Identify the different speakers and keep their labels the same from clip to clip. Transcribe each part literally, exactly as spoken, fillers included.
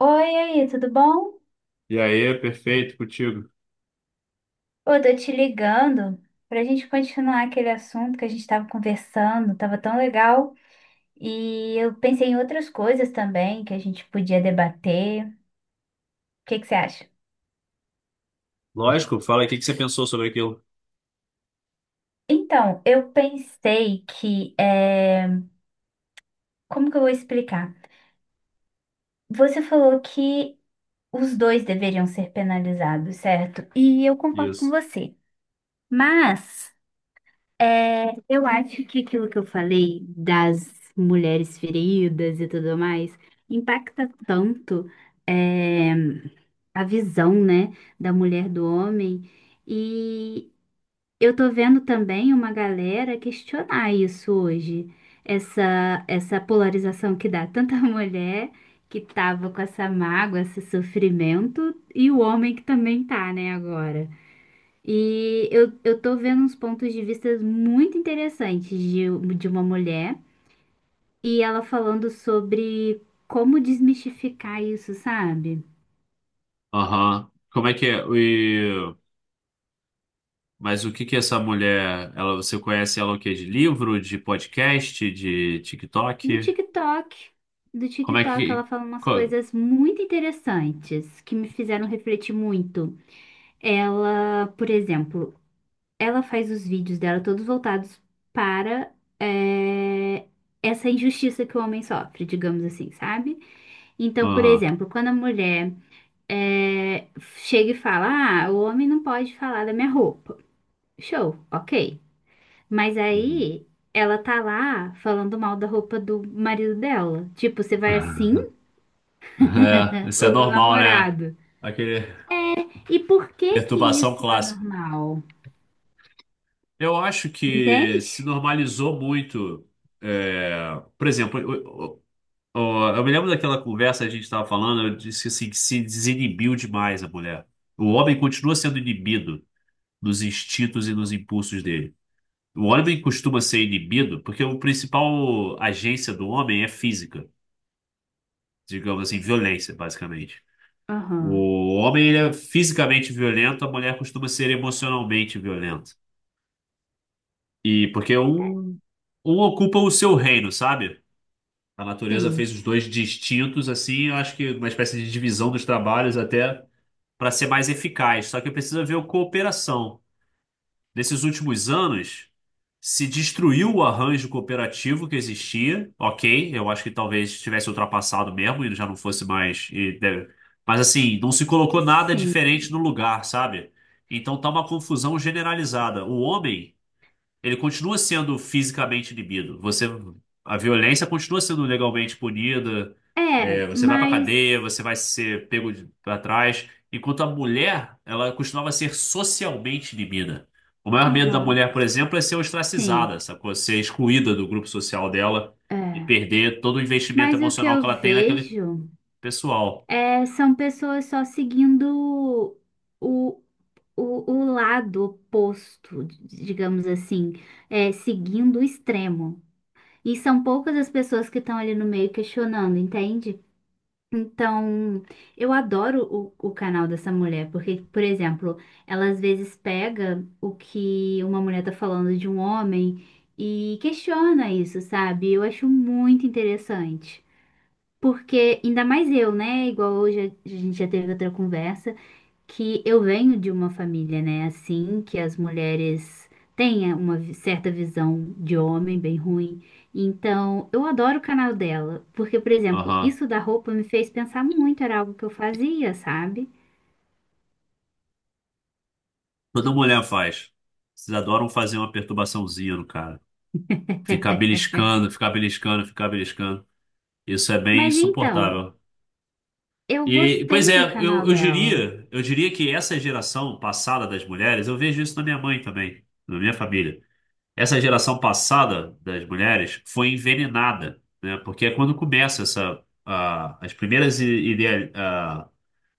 Speaker 1: Oi, aí, tudo bom?
Speaker 2: E aí, perfeito, contigo.
Speaker 1: Eu tô te ligando pra gente continuar aquele assunto que a gente tava conversando, tava tão legal. E eu pensei em outras coisas também que a gente podia debater. O que que você acha?
Speaker 2: Lógico, fala aí o que que você pensou sobre aquilo.
Speaker 1: Então, eu pensei que, eh, como que eu vou explicar? Você falou que os dois deveriam ser penalizados, certo? E eu concordo com
Speaker 2: Isso.
Speaker 1: você. Mas É, eu acho que aquilo que eu falei das mulheres feridas e tudo mais impacta tanto é, a visão, né, da mulher do homem. E eu tô vendo também uma galera questionar isso hoje, essa, essa polarização que dá tanta mulher que tava com essa mágoa, esse sofrimento, e o homem que também tá, né, agora. E eu, eu tô vendo uns pontos de vista muito interessantes de, de uma mulher e ela falando sobre como desmistificar isso, sabe?
Speaker 2: Aham. Como é que é? E... Mas o que que essa mulher, ela, você conhece ela o quê? De livro, de podcast, de
Speaker 1: Do
Speaker 2: TikTok?
Speaker 1: TikTok. Do
Speaker 2: Como é
Speaker 1: TikTok, ela
Speaker 2: que...
Speaker 1: fala umas
Speaker 2: co-
Speaker 1: coisas muito interessantes que me fizeram refletir muito. Ela, por exemplo, ela faz os vídeos dela todos voltados para eh, essa injustiça que o homem sofre, digamos assim, sabe? Então, por
Speaker 2: Aham.
Speaker 1: exemplo, quando a mulher é, chega e fala: Ah, o homem não pode falar da minha roupa. Show, ok. Mas
Speaker 2: Uhum.
Speaker 1: aí ela tá lá falando mal da roupa do marido dela. Tipo, você vai assim?
Speaker 2: É, isso é
Speaker 1: Ou do
Speaker 2: normal, né?
Speaker 1: namorado?
Speaker 2: Aquele
Speaker 1: E por que que
Speaker 2: perturbação
Speaker 1: isso é
Speaker 2: clássica.
Speaker 1: normal?
Speaker 2: Eu acho que se
Speaker 1: Entende?
Speaker 2: normalizou muito. é, Por exemplo, ó, eu me lembro daquela conversa que a gente estava falando, eu disse assim, que se desinibiu demais a mulher. O homem continua sendo inibido dos instintos e dos impulsos dele. O homem costuma ser inibido porque o principal agência do homem é física, digamos assim, violência, basicamente.
Speaker 1: Aham.
Speaker 2: O homem ele é fisicamente violento, a mulher costuma ser emocionalmente violenta. E porque um, um ocupa o seu reino, sabe? A natureza
Speaker 1: Sim,
Speaker 2: fez os dois distintos, assim, eu acho que uma espécie de divisão dos trabalhos até para ser mais eficaz. Só que precisa ver o cooperação. Nesses últimos anos, se destruiu o arranjo cooperativo que existia. Ok, eu acho que talvez tivesse ultrapassado mesmo e já não fosse mais. e deve- Mas assim, não se colocou nada diferente
Speaker 1: sim.
Speaker 2: no lugar, sabe? Então tá uma confusão generalizada. O homem, ele continua sendo fisicamente inibido. Você, a violência continua sendo legalmente punida.
Speaker 1: É,
Speaker 2: Você vai pra
Speaker 1: mas.
Speaker 2: cadeia, você vai ser pego de- Pra trás. Enquanto a mulher, ela costumava ser socialmente inibida. O maior medo da
Speaker 1: Aham,
Speaker 2: mulher, por exemplo, é ser
Speaker 1: sim.
Speaker 2: ostracizada, sacou? Ser excluída do grupo social dela e
Speaker 1: É.
Speaker 2: perder todo o investimento
Speaker 1: Mas o que
Speaker 2: emocional
Speaker 1: eu
Speaker 2: que ela tem naquele
Speaker 1: vejo
Speaker 2: pessoal.
Speaker 1: é, são pessoas só seguindo o, o, o lado oposto, d- digamos assim, é, seguindo o extremo. E são poucas as pessoas que estão ali no meio questionando, entende? Então, eu adoro o, o canal dessa mulher, porque, por exemplo, ela às vezes pega o que uma mulher tá falando de um homem e questiona isso, sabe? Eu acho muito interessante. Porque, ainda mais eu, né? Igual hoje a gente já teve outra conversa que eu venho de uma família, né? Assim, que as mulheres têm uma vi- certa visão de homem bem ruim. Então, eu adoro o canal dela, porque, por exemplo,
Speaker 2: Aham.
Speaker 1: isso da roupa me fez pensar muito, era algo que eu fazia, sabe?
Speaker 2: Toda mulher faz. Vocês adoram fazer uma perturbaçãozinha no cara. Ficar beliscando, ficar beliscando, ficar beliscando. Isso é bem
Speaker 1: Mas então,
Speaker 2: insuportável.
Speaker 1: eu
Speaker 2: E, pois
Speaker 1: gostei do
Speaker 2: é, eu,
Speaker 1: canal
Speaker 2: eu
Speaker 1: dela,
Speaker 2: diria, eu diria que essa geração passada das mulheres, eu vejo isso na minha mãe também, na minha família. Essa geração passada das mulheres foi envenenada, né? Porque é quando começa essa, a- as primeiras i- idea- a-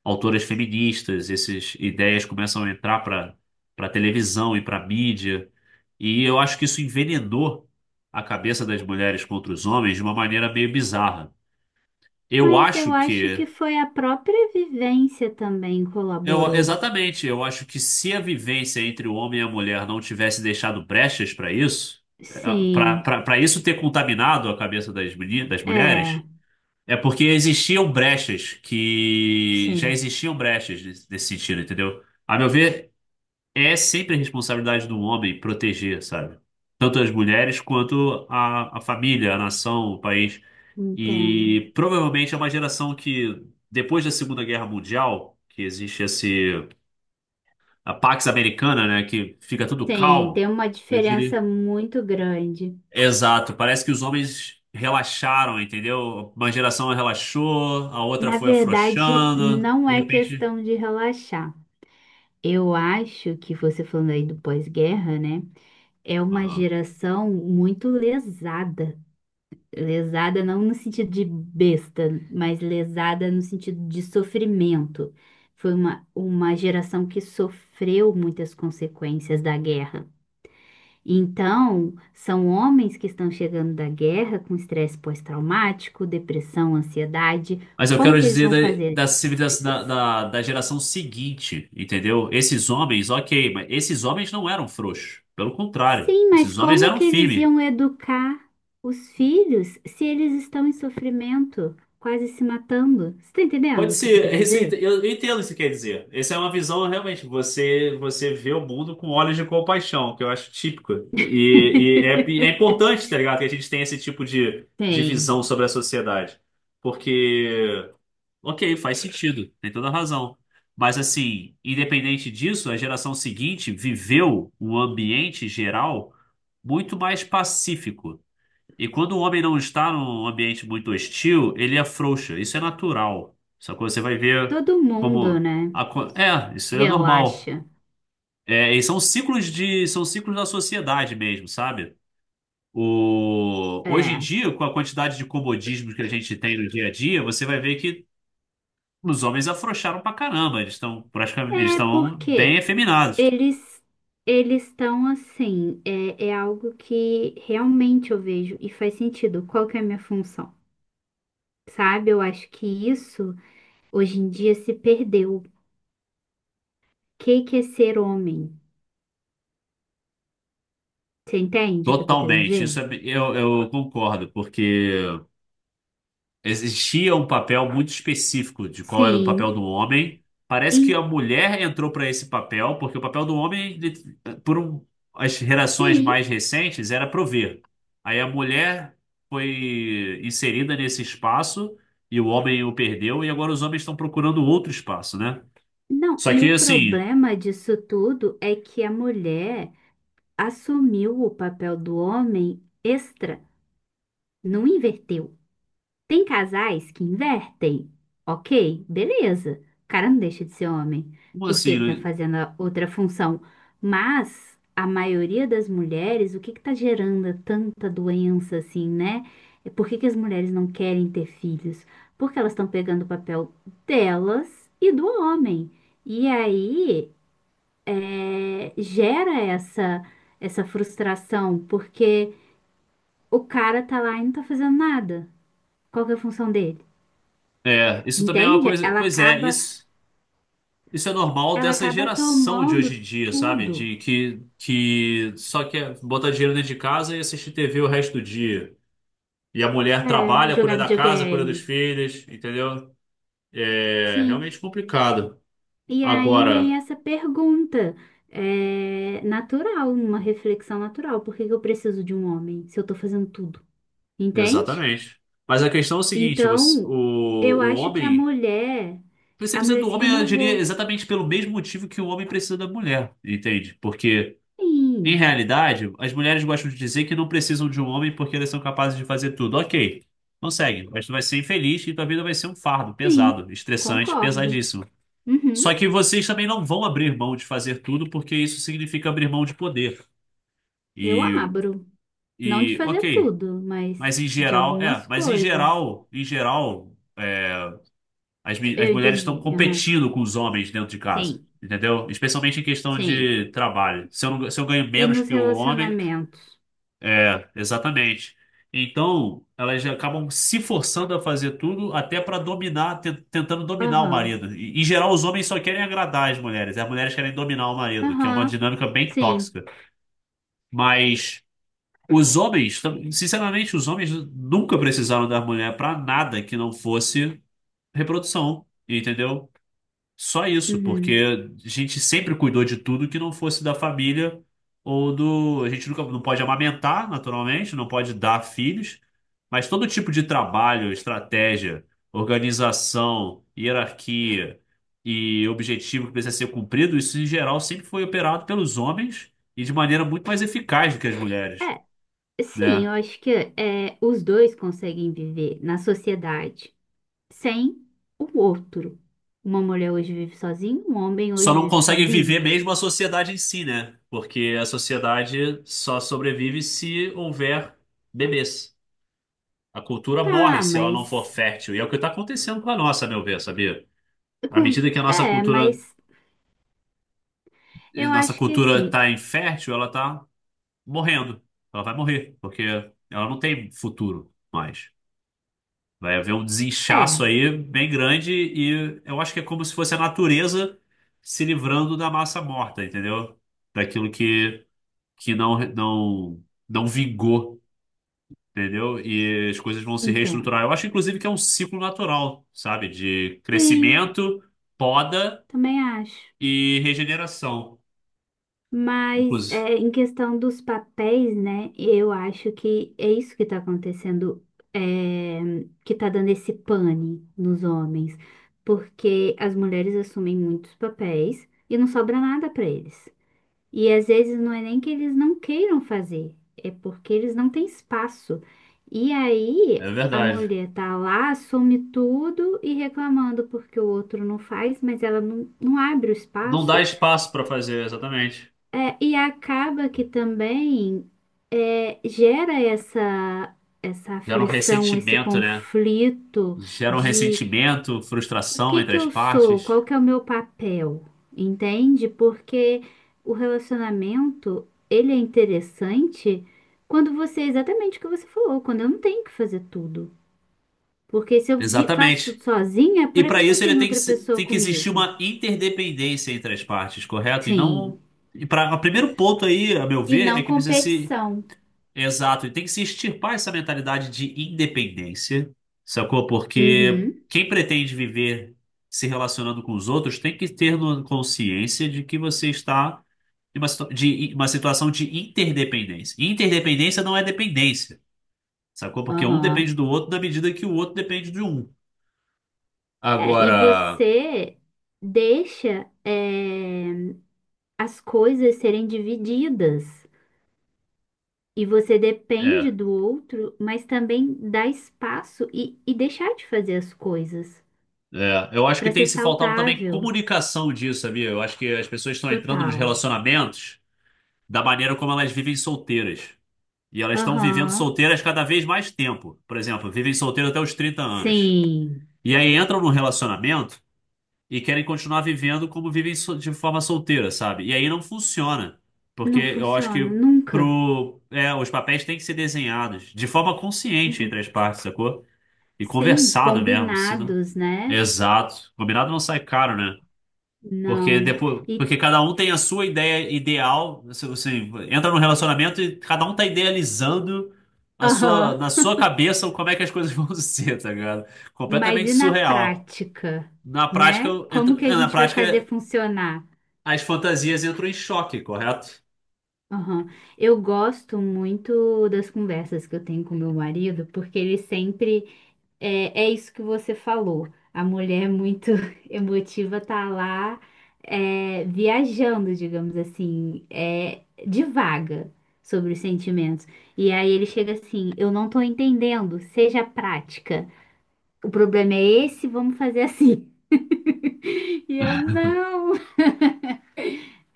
Speaker 2: autoras feministas, essas ideias começam a entrar para para televisão e para mídia, e eu acho que isso envenenou a cabeça das mulheres contra os homens de uma maneira meio bizarra. Eu
Speaker 1: mas eu
Speaker 2: acho
Speaker 1: acho que
Speaker 2: que
Speaker 1: foi a própria vivência também
Speaker 2: Eu,
Speaker 1: colaborou.
Speaker 2: exatamente, eu acho que se a vivência entre o homem e a mulher não tivesse deixado brechas para isso,
Speaker 1: Sim,
Speaker 2: para isso ter contaminado a cabeça das, meni- das mulheres,
Speaker 1: é,
Speaker 2: é porque existiam brechas que já
Speaker 1: sim,
Speaker 2: existiam brechas nesse nesse sentido, entendeu? A meu ver, é sempre a responsabilidade do homem proteger, sabe? Tanto as mulheres quanto a, a família, a nação, o país.
Speaker 1: entendo.
Speaker 2: E provavelmente é uma geração que, depois da Segunda Guerra Mundial, que existe esse a Pax Americana, né? Que fica tudo
Speaker 1: Sim, tem
Speaker 2: calmo.
Speaker 1: uma
Speaker 2: Eu diria.
Speaker 1: diferença muito grande.
Speaker 2: Exato. Parece que os homens relaxaram, entendeu? Uma geração relaxou, a outra
Speaker 1: Na
Speaker 2: foi
Speaker 1: verdade,
Speaker 2: afrouxando.
Speaker 1: não
Speaker 2: De
Speaker 1: é
Speaker 2: repente.
Speaker 1: questão de relaxar. Eu acho que você falando aí do pós-guerra, né? É uma
Speaker 2: Aham.
Speaker 1: geração muito lesada. Lesada não no sentido de besta, mas lesada no sentido de sofrimento. Foi uma, uma geração que sofreu muitas consequências da guerra. Então, são homens que estão chegando da guerra com estresse pós-traumático, depressão, ansiedade.
Speaker 2: Mas eu
Speaker 1: Como
Speaker 2: quero
Speaker 1: que eles
Speaker 2: dizer
Speaker 1: vão fazer
Speaker 2: da, da
Speaker 1: essas
Speaker 2: civilização da,
Speaker 1: coisas?
Speaker 2: da, da geração seguinte, entendeu? Esses homens, ok, mas esses homens não eram frouxos. Pelo contrário,
Speaker 1: Sim, mas
Speaker 2: esses homens
Speaker 1: como
Speaker 2: eram
Speaker 1: que eles
Speaker 2: firmes.
Speaker 1: iam educar os filhos se eles estão em sofrimento, quase se matando? Você tá entendendo
Speaker 2: Pode
Speaker 1: o que eu tô
Speaker 2: ser,
Speaker 1: querendo
Speaker 2: esse-
Speaker 1: dizer?
Speaker 2: eu eu entendo o que você quer dizer. Essa é uma visão, realmente, você você vê o mundo com olhos de compaixão, que eu acho típico. E, e é, e é importante, tá ligado? Que a gente tenha esse tipo de, de
Speaker 1: Tem.
Speaker 2: visão sobre a sociedade. Porque, ok, faz sentido, tem toda a razão. Mas, assim, independente disso, a geração seguinte viveu um ambiente geral muito mais pacífico. E quando o homem não está num ambiente muito hostil, ele afrouxa. Isso é natural. Só que você vai ver
Speaker 1: Todo mundo,
Speaker 2: como.
Speaker 1: né?
Speaker 2: a co- É, isso é normal.
Speaker 1: Relaxa.
Speaker 2: É, e são ciclos de, são ciclos da sociedade mesmo, sabe? O, hoje em
Speaker 1: É.
Speaker 2: dia, com a quantidade de comodismos que a gente tem no dia a dia, você vai ver que os homens afrouxaram pra caramba. Eles estão praticamente, eles
Speaker 1: É
Speaker 2: estão bem
Speaker 1: porque
Speaker 2: efeminados.
Speaker 1: eles eles estão assim, é, é algo que realmente eu vejo e faz sentido. Qual que é a minha função? Sabe? Eu acho que isso hoje em dia se perdeu. O que que é ser homem? Você entende o que eu tô querendo
Speaker 2: Totalmente.
Speaker 1: dizer?
Speaker 2: Isso é, eu, eu concordo, porque existia um papel muito específico de qual era o papel
Speaker 1: Sim,
Speaker 2: do homem. Parece que
Speaker 1: em-
Speaker 2: a mulher entrou para esse papel, porque o papel do homem, ele- por um- as gerações
Speaker 1: sim.
Speaker 2: mais recentes, era prover. Aí a mulher foi inserida nesse espaço e o homem o perdeu, e agora os homens estão procurando outro espaço, né?
Speaker 1: Não,
Speaker 2: Só
Speaker 1: e
Speaker 2: que
Speaker 1: o
Speaker 2: assim,
Speaker 1: problema disso tudo é que a mulher assumiu o papel do homem extra, não inverteu. Tem casais que invertem. Ok, beleza. O cara não deixa de ser homem,
Speaker 2: como
Speaker 1: porque
Speaker 2: assim?
Speaker 1: ele tá
Speaker 2: Né?
Speaker 1: fazendo a outra função. Mas a maioria das mulheres, o que que tá gerando tanta doença assim, né? É Por que que as mulheres não querem ter filhos? Porque elas estão pegando o papel delas e do homem. E aí é, gera essa, essa frustração, porque o cara tá lá e não tá fazendo nada. Qual que é a função dele?
Speaker 2: É, isso também é uma
Speaker 1: Entende?
Speaker 2: coisa.
Speaker 1: Ela
Speaker 2: Pois é,
Speaker 1: acaba,
Speaker 2: isso. Isso é normal
Speaker 1: ela
Speaker 2: dessa
Speaker 1: acaba
Speaker 2: geração de hoje
Speaker 1: tomando
Speaker 2: em dia, sabe?
Speaker 1: tudo.
Speaker 2: De que, que só quer botar dinheiro dentro de casa e assistir T V o resto do dia. E a mulher
Speaker 1: É,
Speaker 2: trabalha,
Speaker 1: jogar
Speaker 2: cuida da casa, cuida dos
Speaker 1: videogame.
Speaker 2: filhos, entendeu? É
Speaker 1: Sim.
Speaker 2: realmente complicado.
Speaker 1: E aí vem
Speaker 2: Agora,
Speaker 1: essa pergunta, é, natural, uma reflexão natural. Por que que eu preciso de um homem se eu tô fazendo tudo? Entende?
Speaker 2: exatamente. Mas a questão é o seguinte, você, o,
Speaker 1: Então, eu
Speaker 2: o
Speaker 1: acho que a
Speaker 2: homem,
Speaker 1: mulher,
Speaker 2: você
Speaker 1: a
Speaker 2: precisa
Speaker 1: mulher
Speaker 2: do
Speaker 1: se
Speaker 2: homem, eu diria,
Speaker 1: renovou.
Speaker 2: exatamente pelo mesmo motivo que o homem precisa da mulher, entende? Porque em
Speaker 1: Sim,
Speaker 2: realidade, as mulheres gostam de dizer que não precisam de um homem porque elas são capazes de fazer tudo. Ok, consegue, mas tu vai ser infeliz e tua vida vai ser um fardo pesado,
Speaker 1: sim,
Speaker 2: estressante,
Speaker 1: concordo.
Speaker 2: pesadíssimo. Só
Speaker 1: Uhum,
Speaker 2: que vocês também não vão abrir mão de fazer tudo porque isso significa abrir mão de poder.
Speaker 1: eu
Speaker 2: E,
Speaker 1: abro. Não de
Speaker 2: e
Speaker 1: fazer
Speaker 2: ok,
Speaker 1: tudo, mas
Speaker 2: mas em
Speaker 1: de
Speaker 2: geral, é,
Speaker 1: algumas
Speaker 2: mas em
Speaker 1: coisas.
Speaker 2: geral, em geral, as, mi- as
Speaker 1: Eu
Speaker 2: mulheres estão
Speaker 1: entendi.
Speaker 2: competindo com os homens dentro de casa,
Speaker 1: Sim,
Speaker 2: entendeu? Especialmente em questão
Speaker 1: sim.
Speaker 2: de trabalho. Se eu, não- se eu ganho
Speaker 1: E
Speaker 2: menos
Speaker 1: nos
Speaker 2: que o homem.
Speaker 1: relacionamentos?
Speaker 2: É, exatamente. Então, elas já acabam se forçando a fazer tudo até para dominar, te- tentando dominar o
Speaker 1: Aham,
Speaker 2: marido. E, em geral, os homens só querem agradar as mulheres, as mulheres querem dominar o marido, que é uma
Speaker 1: aham,
Speaker 2: dinâmica bem
Speaker 1: sim.
Speaker 2: tóxica. Mas os homens, tam- sinceramente, os homens nunca precisaram da mulher para nada que não fosse reprodução, entendeu? Só isso,
Speaker 1: Uhum.
Speaker 2: porque a gente sempre cuidou de tudo que não fosse da família ou do. A gente nunca não pode amamentar, naturalmente, não pode dar filhos, mas todo tipo de trabalho, estratégia, organização, hierarquia e objetivo que precisa ser cumprido, isso em geral sempre foi operado pelos homens e de maneira muito mais eficaz do que as mulheres,
Speaker 1: É, sim,
Speaker 2: né?
Speaker 1: eu acho que é, os dois conseguem viver na sociedade sem o outro. Uma mulher hoje vive sozinha, um homem
Speaker 2: Só
Speaker 1: hoje
Speaker 2: não
Speaker 1: vive
Speaker 2: conseguem
Speaker 1: sozinho.
Speaker 2: viver mesmo a sociedade em si, né? Porque a sociedade só sobrevive se houver bebês. A cultura morre
Speaker 1: Tá,
Speaker 2: se ela não for
Speaker 1: mas.
Speaker 2: fértil. E é o que está acontecendo com a nossa, a meu ver, sabia? À
Speaker 1: com-
Speaker 2: medida que a nossa
Speaker 1: é,
Speaker 2: cultura,
Speaker 1: mas eu
Speaker 2: nossa
Speaker 1: acho que
Speaker 2: cultura
Speaker 1: assim.
Speaker 2: está infértil, ela está morrendo. Ela vai morrer, porque ela não tem futuro mais. Vai haver um
Speaker 1: É,
Speaker 2: desinchaço aí bem grande e eu acho que é como se fosse a natureza se livrando da massa morta, entendeu? Daquilo que, que não, não, não vingou. Entendeu? E as coisas vão se
Speaker 1: entendo.
Speaker 2: reestruturar. Eu acho, inclusive, que é um ciclo natural, sabe? De
Speaker 1: Sim,
Speaker 2: crescimento, poda
Speaker 1: também acho.
Speaker 2: e regeneração.
Speaker 1: Mas
Speaker 2: Inclusive,
Speaker 1: é, em questão dos papéis, né? Eu acho que é isso que está acontecendo, é, que está dando esse pane nos homens, porque as mulheres assumem muitos papéis e não sobra nada para eles. E às vezes não é nem que eles não queiram fazer, é porque eles não têm espaço. E aí
Speaker 2: é
Speaker 1: a
Speaker 2: verdade.
Speaker 1: mulher tá lá, assume tudo e reclamando porque o outro não faz, mas ela não, não abre o
Speaker 2: Não dá
Speaker 1: espaço.
Speaker 2: espaço para fazer, exatamente.
Speaker 1: É, e acaba que também é, gera essa, essa
Speaker 2: Gera um
Speaker 1: aflição, esse
Speaker 2: ressentimento, né?
Speaker 1: conflito
Speaker 2: Gera um
Speaker 1: de
Speaker 2: ressentimento,
Speaker 1: o
Speaker 2: frustração
Speaker 1: que
Speaker 2: entre
Speaker 1: que
Speaker 2: as
Speaker 1: eu sou,
Speaker 2: partes.
Speaker 1: qual que é o meu papel, entende? Porque o relacionamento, ele é interessante quando você, exatamente o que você falou, quando eu não tenho que fazer tudo. Porque se eu vi- faço
Speaker 2: Exatamente.
Speaker 1: tudo sozinha,
Speaker 2: E
Speaker 1: por
Speaker 2: para
Speaker 1: que que eu
Speaker 2: isso ele
Speaker 1: tenho
Speaker 2: tem que,
Speaker 1: outra
Speaker 2: se-
Speaker 1: pessoa
Speaker 2: tem que existir
Speaker 1: comigo?
Speaker 2: uma interdependência entre as partes, correto? E
Speaker 1: Sim.
Speaker 2: não. E para, o primeiro ponto aí, a meu
Speaker 1: E
Speaker 2: ver, é
Speaker 1: não
Speaker 2: que precisa se
Speaker 1: competição.
Speaker 2: exato, e tem que se extirpar essa mentalidade de independência, sacou? Porque
Speaker 1: Uhum.
Speaker 2: quem pretende viver se relacionando com os outros tem que ter no- consciência de que você está em uma, situa- de, em uma situação de interdependência. E interdependência não é dependência, sacou? Porque um depende
Speaker 1: Aham.
Speaker 2: do outro na medida que o outro depende de um.
Speaker 1: É, e
Speaker 2: Agora,
Speaker 1: você deixa, é, as coisas serem divididas. E você depende
Speaker 2: é,
Speaker 1: do outro, mas também dá espaço e, e deixar de fazer as coisas
Speaker 2: é, eu acho que
Speaker 1: para
Speaker 2: tem
Speaker 1: ser
Speaker 2: se faltado também
Speaker 1: saudável.
Speaker 2: comunicação disso, sabia? Eu acho que as pessoas estão entrando nos
Speaker 1: Total.
Speaker 2: relacionamentos da maneira como elas vivem solteiras. E elas estão vivendo
Speaker 1: Aham.
Speaker 2: solteiras cada vez mais tempo. Por exemplo, vivem solteiras até os trinta anos.
Speaker 1: Sim.
Speaker 2: E aí entram num relacionamento e querem continuar vivendo como vivem so- de forma solteira, sabe? E aí não funciona. Porque
Speaker 1: Não
Speaker 2: eu acho
Speaker 1: funciona
Speaker 2: que
Speaker 1: nunca.
Speaker 2: pro, é, os papéis têm que ser desenhados de forma consciente
Speaker 1: Uhum.
Speaker 2: entre as partes, sacou? E
Speaker 1: Sim,
Speaker 2: conversado mesmo. Se não...
Speaker 1: combinados, né?
Speaker 2: Exato. Combinado não sai caro, né? Porque
Speaker 1: Não.
Speaker 2: depois,
Speaker 1: E
Speaker 2: porque cada um tem a sua ideia ideal. Você, você entra num relacionamento e cada um tá idealizando a sua,
Speaker 1: aham.
Speaker 2: na sua cabeça como é que as coisas vão ser, tá ligado?
Speaker 1: Mas
Speaker 2: Completamente
Speaker 1: e na
Speaker 2: surreal.
Speaker 1: prática,
Speaker 2: Na prática,
Speaker 1: né? Como
Speaker 2: entra-
Speaker 1: que a
Speaker 2: na
Speaker 1: gente vai fazer
Speaker 2: prática,
Speaker 1: funcionar?
Speaker 2: as fantasias entram em choque, correto?
Speaker 1: Aham. Eu gosto muito das conversas que eu tenho com meu marido, porque ele sempre é, é isso que você falou. A mulher muito emotiva tá lá é, viajando, digamos assim, é, divaga sobre os sentimentos. E aí ele chega assim, eu não tô entendendo, seja prática. O problema é esse, vamos fazer assim. E eu não,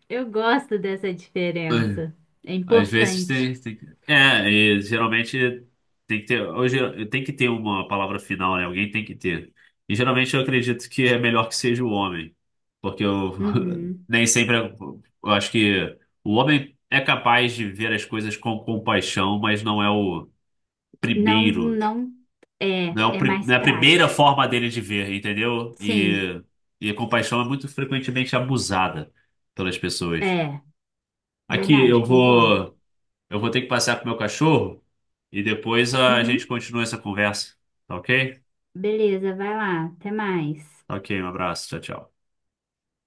Speaker 1: eu gosto dessa diferença. É
Speaker 2: Às vezes
Speaker 1: importante.
Speaker 2: tem, tem que- é, e geralmente tem que ter. Hoje tem que ter uma palavra final, né? Alguém tem que ter. E geralmente eu acredito que é melhor que seja o homem. Porque eu
Speaker 1: Uhum.
Speaker 2: nem sempre. Eu acho que o homem é capaz de ver as coisas com compaixão, mas não é o
Speaker 1: Não,
Speaker 2: primeiro.
Speaker 1: não é,
Speaker 2: Não é, o,
Speaker 1: é
Speaker 2: pri-
Speaker 1: mais
Speaker 2: não é a primeira
Speaker 1: prático.
Speaker 2: forma dele de ver, entendeu?
Speaker 1: Sim,
Speaker 2: E, e a compaixão é muito frequentemente abusada pelas pessoas.
Speaker 1: é
Speaker 2: Aqui
Speaker 1: verdade,
Speaker 2: eu
Speaker 1: concordo.
Speaker 2: vou. Eu vou ter que passear com o meu cachorro. E depois a gente
Speaker 1: Uhum.
Speaker 2: continua essa conversa. Tá ok?
Speaker 1: Beleza, vai lá, até mais.
Speaker 2: Tá ok, um abraço. Tchau, tchau.